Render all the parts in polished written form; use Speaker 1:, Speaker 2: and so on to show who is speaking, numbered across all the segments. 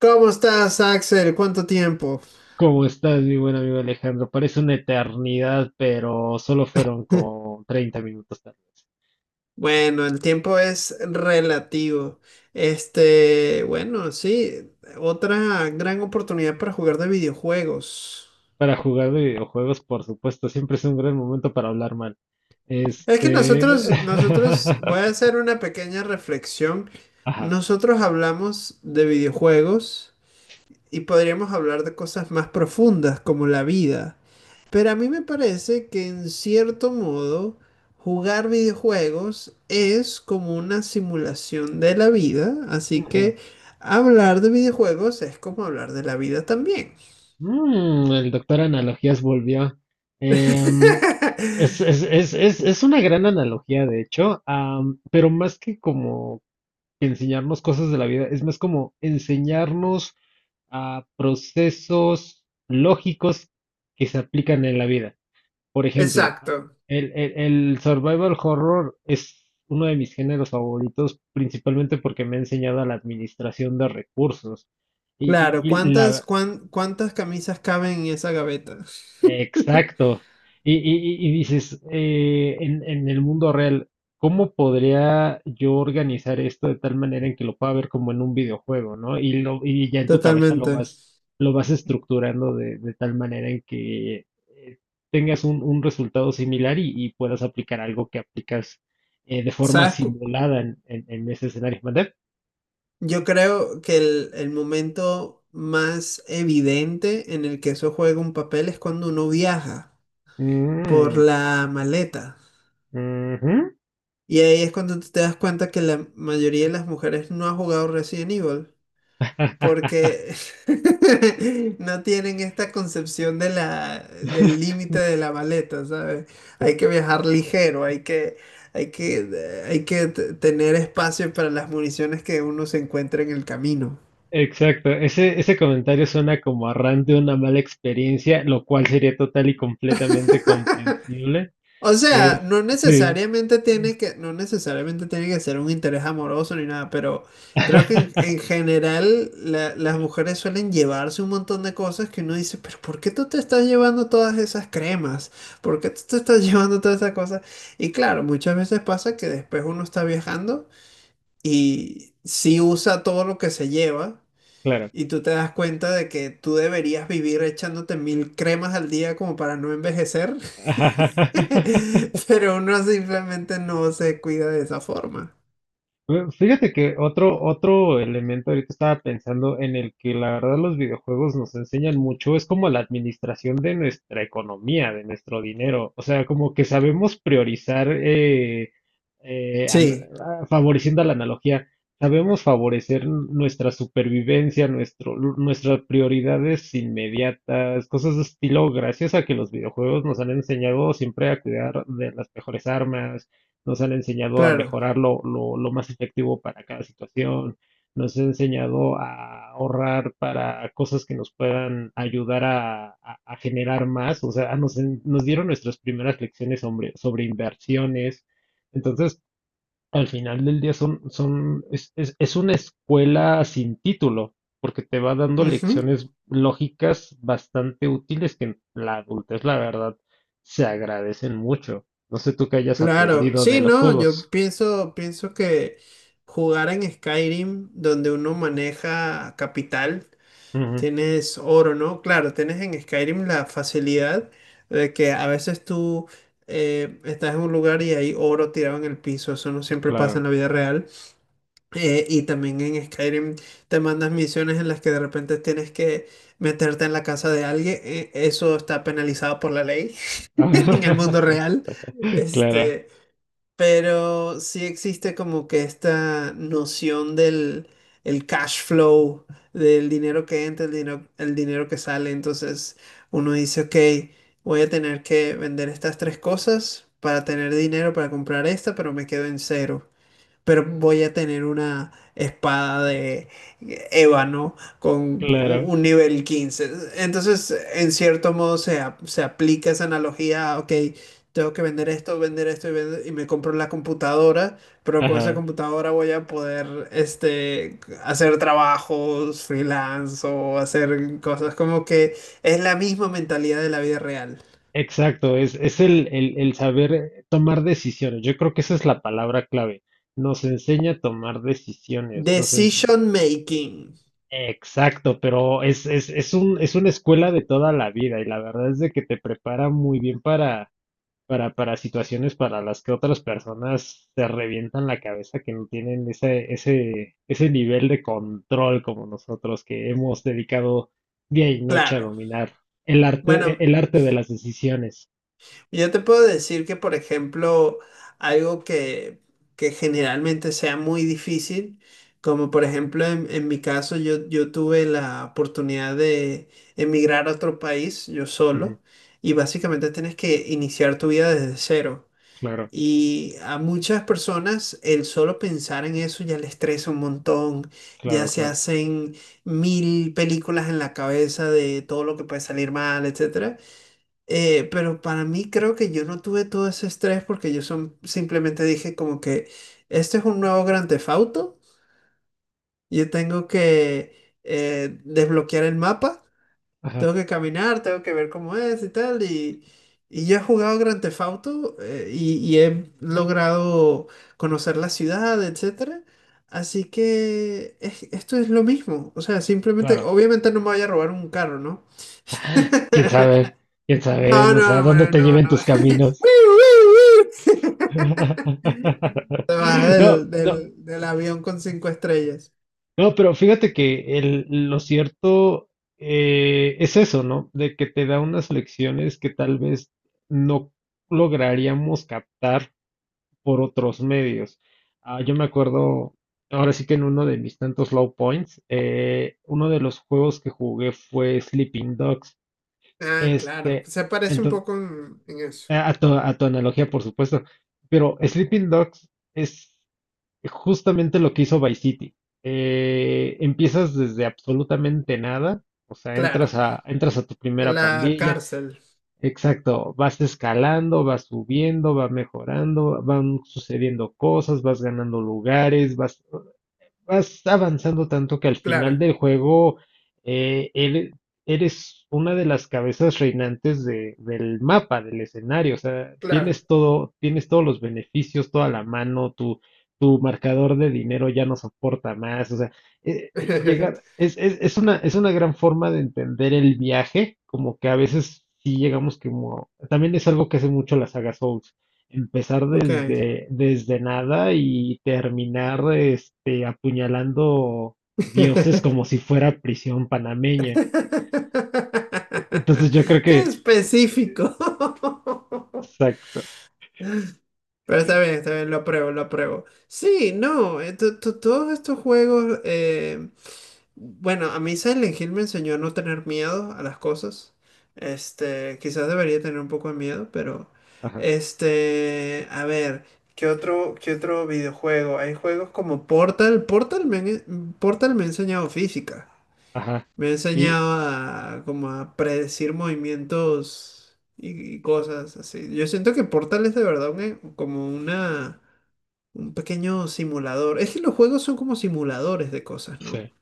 Speaker 1: ¿Cómo estás, Axel? ¿Cuánto tiempo?
Speaker 2: ¿Cómo estás, mi buen amigo Alejandro? Parece una eternidad, pero solo fueron como 30 minutos tal vez.
Speaker 1: Bueno, el tiempo es relativo. Bueno, sí, otra gran oportunidad para jugar de videojuegos.
Speaker 2: Para jugar de videojuegos, por supuesto, siempre es un gran momento para hablar mal.
Speaker 1: Es que
Speaker 2: Este...
Speaker 1: nosotros, voy a hacer una pequeña reflexión.
Speaker 2: Ajá.
Speaker 1: Nosotros hablamos de videojuegos y podríamos hablar de cosas más profundas como la vida. Pero a mí me parece que en cierto modo jugar videojuegos es como una simulación de la vida, así
Speaker 2: Ujú.
Speaker 1: que hablar de videojuegos es como hablar de la vida también.
Speaker 2: Mm, el doctor Analogías volvió. Em, es, es, es, es, es una gran analogía, de hecho, pero más que como enseñarnos cosas de la vida, es más como enseñarnos a procesos lógicos que se aplican en la vida. Por ejemplo,
Speaker 1: Exacto.
Speaker 2: el, el- el survival horror es uno de mis géneros favoritos, principalmente porque me ha enseñado a la administración de recursos. Y, y-
Speaker 1: Claro,
Speaker 2: y la,
Speaker 1: cuántas camisas caben en esa gaveta?
Speaker 2: Exacto. Y dices, en el mundo real, ¿cómo podría yo organizar esto de tal manera en que lo pueda ver como en un videojuego, ¿no? Y, y ya en tu cabeza
Speaker 1: Totalmente.
Speaker 2: lo vas estructurando de tal manera en que tengas un resultado similar y puedas aplicar algo que aplicas de forma
Speaker 1: ¿Sabes?
Speaker 2: simulada en ese escenario. ¿Mande?
Speaker 1: Yo creo que el momento más evidente en el que eso juega un papel es cuando uno viaja. Por
Speaker 2: Mm,
Speaker 1: la maleta.
Speaker 2: ujú.
Speaker 1: Y ahí es cuando tú te das cuenta que la mayoría de las mujeres no ha jugado Resident Evil porque no tienen esta concepción de del límite de la maleta, ¿sabes? Hay que viajar ligero, hay que tener espacio para las municiones que uno se encuentra en el camino.
Speaker 2: Exacto, ese comentario suena como a de una mala experiencia, lo cual sería total y completamente comprensible.
Speaker 1: O
Speaker 2: Eh,
Speaker 1: sea,
Speaker 2: sí.
Speaker 1: no necesariamente tiene que ser un interés amoroso ni nada, pero creo que en general las mujeres suelen llevarse un montón de cosas que uno dice, pero ¿por qué tú te estás llevando todas esas cremas? ¿Por qué tú te estás llevando todas esas cosas? Y claro, muchas veces pasa que después uno está viajando y sí usa todo lo que se lleva.
Speaker 2: Claro.
Speaker 1: Y tú te das cuenta de que tú deberías vivir echándote mil cremas al día como para no envejecer, pero uno simplemente no se cuida de esa forma.
Speaker 2: Fíjate que otro elemento ahorita estaba pensando en el que la verdad los videojuegos nos enseñan mucho, es como la administración de nuestra economía, de nuestro dinero. O sea, como que sabemos priorizar, eh, an-
Speaker 1: Sí,
Speaker 2: favoreciendo la analogía, sabemos favorecer nuestra supervivencia, nuestras prioridades inmediatas, cosas de estilo, gracias a que los videojuegos nos han enseñado siempre a cuidar de las mejores armas, nos han enseñado a
Speaker 1: claro.
Speaker 2: mejorar lo más efectivo para cada situación, nos han enseñado a ahorrar para cosas que nos puedan ayudar a, a generar más. O sea, nos dieron nuestras primeras lecciones sobre, sobre inversiones. Entonces, al final del día es una escuela sin título, porque te va dando
Speaker 1: Ujú.
Speaker 2: lecciones lógicas bastante útiles que en la adultez, la verdad, se agradecen mucho. No sé tú qué hayas
Speaker 1: Claro.
Speaker 2: aprendido de
Speaker 1: Sí,
Speaker 2: los
Speaker 1: no,
Speaker 2: juegos.
Speaker 1: yo pienso, pienso que jugar en Skyrim, donde uno maneja capital,
Speaker 2: Ujú,
Speaker 1: tienes oro, ¿no? Claro, tienes en Skyrim la facilidad de que a veces tú estás en un lugar y hay oro tirado en el piso. Eso no siempre pasa en
Speaker 2: claro.
Speaker 1: la vida real. Y también en Skyrim te mandas misiones en las que de repente tienes que meterte en la casa de alguien. Eso está penalizado por la ley en el mundo real.
Speaker 2: Claro,
Speaker 1: Este, pero sí existe como que esta noción del el cash flow, del dinero que entra, el dinero que sale. Entonces uno dice, ok, voy a tener que vender estas tres cosas para tener dinero para comprar esta, pero me quedo en cero, pero voy a tener una espada de ébano con
Speaker 2: claro.
Speaker 1: un nivel 15. Entonces, en cierto modo, se aplica esa analogía, ok, tengo que vender esto y, y me compro la computadora, pero con esa
Speaker 2: Ajá.
Speaker 1: computadora voy a poder hacer trabajos freelance o hacer cosas como que es la misma mentalidad de la vida real.
Speaker 2: Exacto, el saber tomar decisiones. Yo creo que esa es la palabra clave. Nos enseña a tomar decisiones. Nos...
Speaker 1: Decision making,
Speaker 2: Exacto, pero es una escuela de toda la vida y la verdad es de que te prepara muy bien para situaciones para las que otras personas se revientan la cabeza, que no tienen ese nivel de control como nosotros, que hemos dedicado día y noche a
Speaker 1: claro.
Speaker 2: dominar
Speaker 1: Bueno,
Speaker 2: el arte de las decisiones.
Speaker 1: yo te puedo decir que, por ejemplo, algo que generalmente sea muy difícil, como por ejemplo en mi caso, yo tuve la oportunidad de emigrar a otro país yo
Speaker 2: Ujú,
Speaker 1: solo y básicamente tienes que iniciar tu vida desde cero.
Speaker 2: claro,
Speaker 1: Y a muchas personas el solo pensar en eso ya les estresa un montón, ya
Speaker 2: claro,
Speaker 1: se
Speaker 2: claro.
Speaker 1: hacen mil películas en la cabeza de todo lo que puede salir mal, etc. Pero para mí creo que yo no tuve todo ese estrés porque yo simplemente dije como que este es un nuevo Grand Theft Auto, yo tengo que desbloquear el mapa, tengo
Speaker 2: Ajá,
Speaker 1: que caminar, tengo que ver cómo es y tal, y yo he jugado Grand Theft Auto y he logrado conocer la ciudad, etcétera, así que esto es lo mismo, o sea, simplemente,
Speaker 2: claro.
Speaker 1: obviamente no me voy a robar un carro, ¿no?
Speaker 2: Quién sabe, quién sabe,
Speaker 1: No,
Speaker 2: no sé a
Speaker 1: no,
Speaker 2: dónde
Speaker 1: no,
Speaker 2: te
Speaker 1: no,
Speaker 2: lleven tus
Speaker 1: no.
Speaker 2: caminos.
Speaker 1: Te bajas
Speaker 2: No, no,
Speaker 1: del avión con cinco estrellas.
Speaker 2: no, pero fíjate que el- lo cierto es eso, ¿no? De que te da unas lecciones que tal vez no lograríamos captar por otros medios. Ah, yo me acuerdo, ahora sí que en uno de mis tantos low points, uno de los juegos que jugué fue Sleeping Dogs.
Speaker 1: Ah, claro.
Speaker 2: Este,
Speaker 1: Se parece un
Speaker 2: entonces,
Speaker 1: poco en eso.
Speaker 2: a tu analogía, por supuesto, pero Sleeping Dogs. Justamente lo que hizo Vice City. Empiezas desde absolutamente nada, o sea,
Speaker 1: Claro.
Speaker 2: entras a tu
Speaker 1: En
Speaker 2: primera
Speaker 1: la
Speaker 2: pandilla,
Speaker 1: cárcel.
Speaker 2: exacto, vas escalando, vas subiendo, vas mejorando, van sucediendo cosas, vas ganando lugares, vas, vas avanzando tanto que al final
Speaker 1: Claro,
Speaker 2: del juego eh, ere- eres una de las cabezas reinantes del mapa, del escenario. O sea,
Speaker 1: claro.
Speaker 2: tienes todo, tienes todos los beneficios, toda la mano, tu marcador de dinero ya no soporta más. O sea, eh, es, es una gran forma de entender el viaje, como que a veces sí llegamos como, también es algo que hace mucho la saga Souls. Empezar
Speaker 1: Ok.
Speaker 2: desde, desde nada y terminar este, apuñalando dioses como si fuera prisión panameña. Entonces yo creo
Speaker 1: Qué
Speaker 2: que,
Speaker 1: específico.
Speaker 2: exacto,
Speaker 1: Pero está bien, lo apruebo, lo apruebo. Sí, no, todos estos juegos, bueno, a mí Silent Hill me enseñó a no tener miedo a las cosas. Este, quizás debería tener un poco de miedo, pero
Speaker 2: ajá,
Speaker 1: a ver, qué otro videojuego? Hay juegos como Portal, Portal me ha enseñado física.
Speaker 2: ajá.
Speaker 1: Me ha
Speaker 2: Y
Speaker 1: enseñado a como a predecir movimientos y cosas así. Yo siento que Portal es de verdad como una un pequeño simulador. Es que los juegos son como simuladores de cosas, ¿no?
Speaker 2: sí.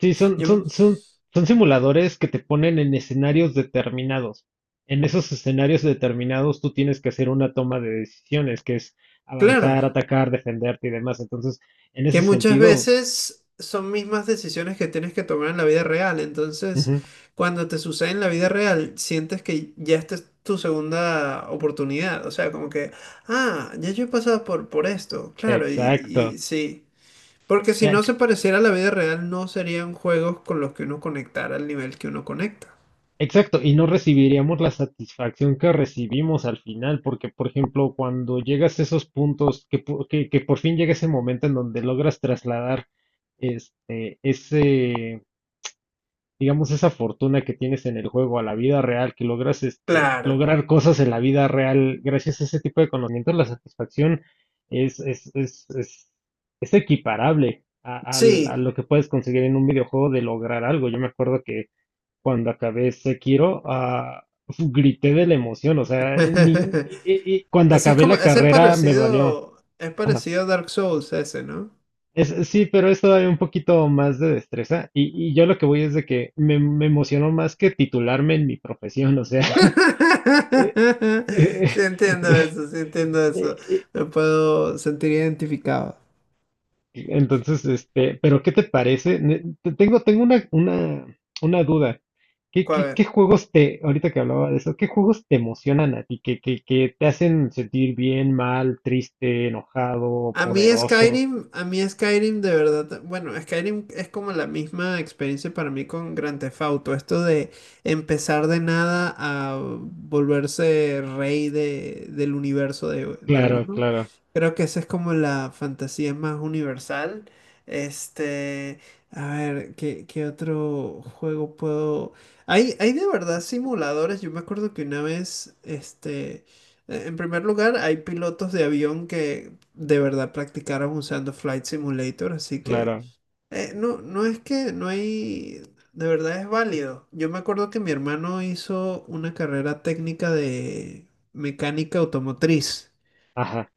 Speaker 2: Sí,
Speaker 1: Yo me-
Speaker 2: son simuladores que te ponen en escenarios determinados. En esos escenarios determinados tú tienes que hacer una toma de decisiones, que es
Speaker 1: claro,
Speaker 2: avanzar, atacar, defenderte y demás. Entonces, en ese
Speaker 1: que muchas
Speaker 2: sentido,
Speaker 1: veces son mismas decisiones que tienes que tomar en la vida real. Entonces,
Speaker 2: ujú,
Speaker 1: cuando te sucede en la vida real, sientes que ya esta es tu segunda oportunidad. O sea, como que, ah, ya yo he pasado por esto, claro,
Speaker 2: exacto.
Speaker 1: y sí. Porque si
Speaker 2: Eh,
Speaker 1: no se pareciera a la vida real, no serían juegos con los que uno conectara al nivel que uno conecta.
Speaker 2: exacto, y no recibiríamos la satisfacción que recibimos al final, porque, por ejemplo, cuando llegas a esos puntos, que, que por fin llega ese momento en donde logras trasladar este, ese, digamos, esa fortuna que tienes en el juego a la vida real, que logras este,
Speaker 1: Claro,
Speaker 2: lograr cosas en la vida real gracias a ese tipo de conocimientos, la satisfacción es, es, es, es, es equiparable a, a
Speaker 1: sí.
Speaker 2: lo que puedes conseguir en un videojuego de lograr algo. Yo me acuerdo que cuando acabé Sekiro, ah, grité de la emoción, o sea, ni, y cuando
Speaker 1: Ese es
Speaker 2: acabé
Speaker 1: como,
Speaker 2: la
Speaker 1: ese
Speaker 2: carrera me valió.
Speaker 1: es
Speaker 2: Ajá.
Speaker 1: parecido a Dark Souls ese, ¿no?
Speaker 2: Es, sí, pero es todavía un poquito más de destreza y yo lo que voy es de que me emocionó más que titularme en mi profesión, o sea, eh, eh,
Speaker 1: Sí entiendo eso, sí entiendo
Speaker 2: eh,
Speaker 1: eso.
Speaker 2: eh,
Speaker 1: Me puedo sentir identificado.
Speaker 2: entonces, este, pero ¿qué te parece? Tengo, una duda. ¿Qué,
Speaker 1: A
Speaker 2: qué, qué
Speaker 1: ver.
Speaker 2: juegos te, ahorita que hablaba de eso, qué juegos te emocionan a ti? ¿Qué, qué, qué te hacen sentir bien, mal, triste, enojado, poderoso?
Speaker 1: A mí Skyrim de verdad, bueno, Skyrim es como la misma experiencia para mí con Grand Theft Auto, esto de empezar de nada a volverse rey del universo de
Speaker 2: Claro,
Speaker 1: uno.
Speaker 2: claro,
Speaker 1: Creo que esa es como la fantasía más universal. Este, a ver, ¿qué, qué otro juego puedo...? Hay de verdad simuladores, yo me acuerdo que una vez, este... en primer lugar, hay pilotos de avión que de verdad practicaran usando Flight Simulator, así que
Speaker 2: claro.
Speaker 1: no, no es que no hay, de verdad es válido. Yo me acuerdo que mi hermano hizo una carrera técnica de mecánica automotriz
Speaker 2: Ajá.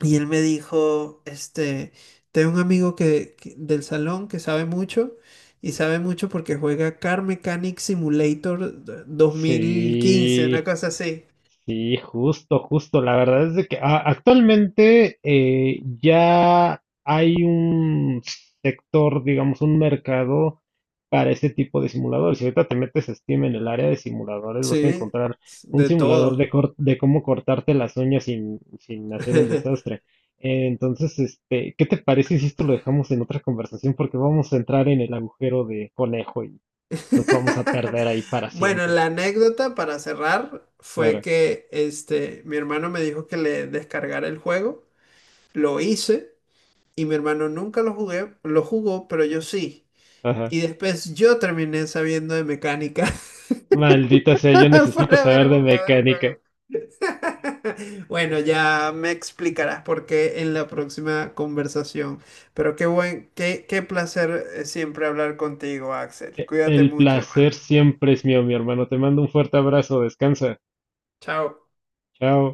Speaker 1: y él me dijo, este, tengo un amigo del salón que sabe mucho y sabe mucho porque juega Car Mechanic Simulator 2015, una
Speaker 2: Sí.
Speaker 1: cosa así.
Speaker 2: Sí, justo, justo. La verdad es de que actualmente ya hay un sector, digamos, un mercado para este tipo de simuladores. Si ahorita te metes a Steam en el área de simuladores, vas a
Speaker 1: Sí,
Speaker 2: encontrar un
Speaker 1: de
Speaker 2: simulador de,
Speaker 1: todo.
Speaker 2: de cómo cortarte las uñas sin, sin hacer un desastre. Entonces, este, ¿qué te parece si esto lo dejamos en otra conversación? Porque vamos a entrar en el agujero de conejo y nos vamos a perder ahí para
Speaker 1: Bueno,
Speaker 2: siempre.
Speaker 1: la anécdota para cerrar fue
Speaker 2: Claro.
Speaker 1: que mi hermano me dijo que le descargara el juego, lo hice y mi hermano nunca lo jugó, pero yo sí.
Speaker 2: Ajá.
Speaker 1: Y después yo terminé sabiendo de mecánica
Speaker 2: Maldita sea, yo
Speaker 1: por
Speaker 2: necesito saber
Speaker 1: haber
Speaker 2: de
Speaker 1: jugado el
Speaker 2: mecánica.
Speaker 1: juego. Bueno, ya me explicarás por qué en la próxima conversación. Pero qué buen, qué, qué placer siempre hablar contigo, Axel. Cuídate
Speaker 2: El
Speaker 1: mucho,
Speaker 2: placer
Speaker 1: hermano.
Speaker 2: siempre es mío, mi hermano. Te mando un fuerte abrazo. Descansa.
Speaker 1: Chao.
Speaker 2: Chao.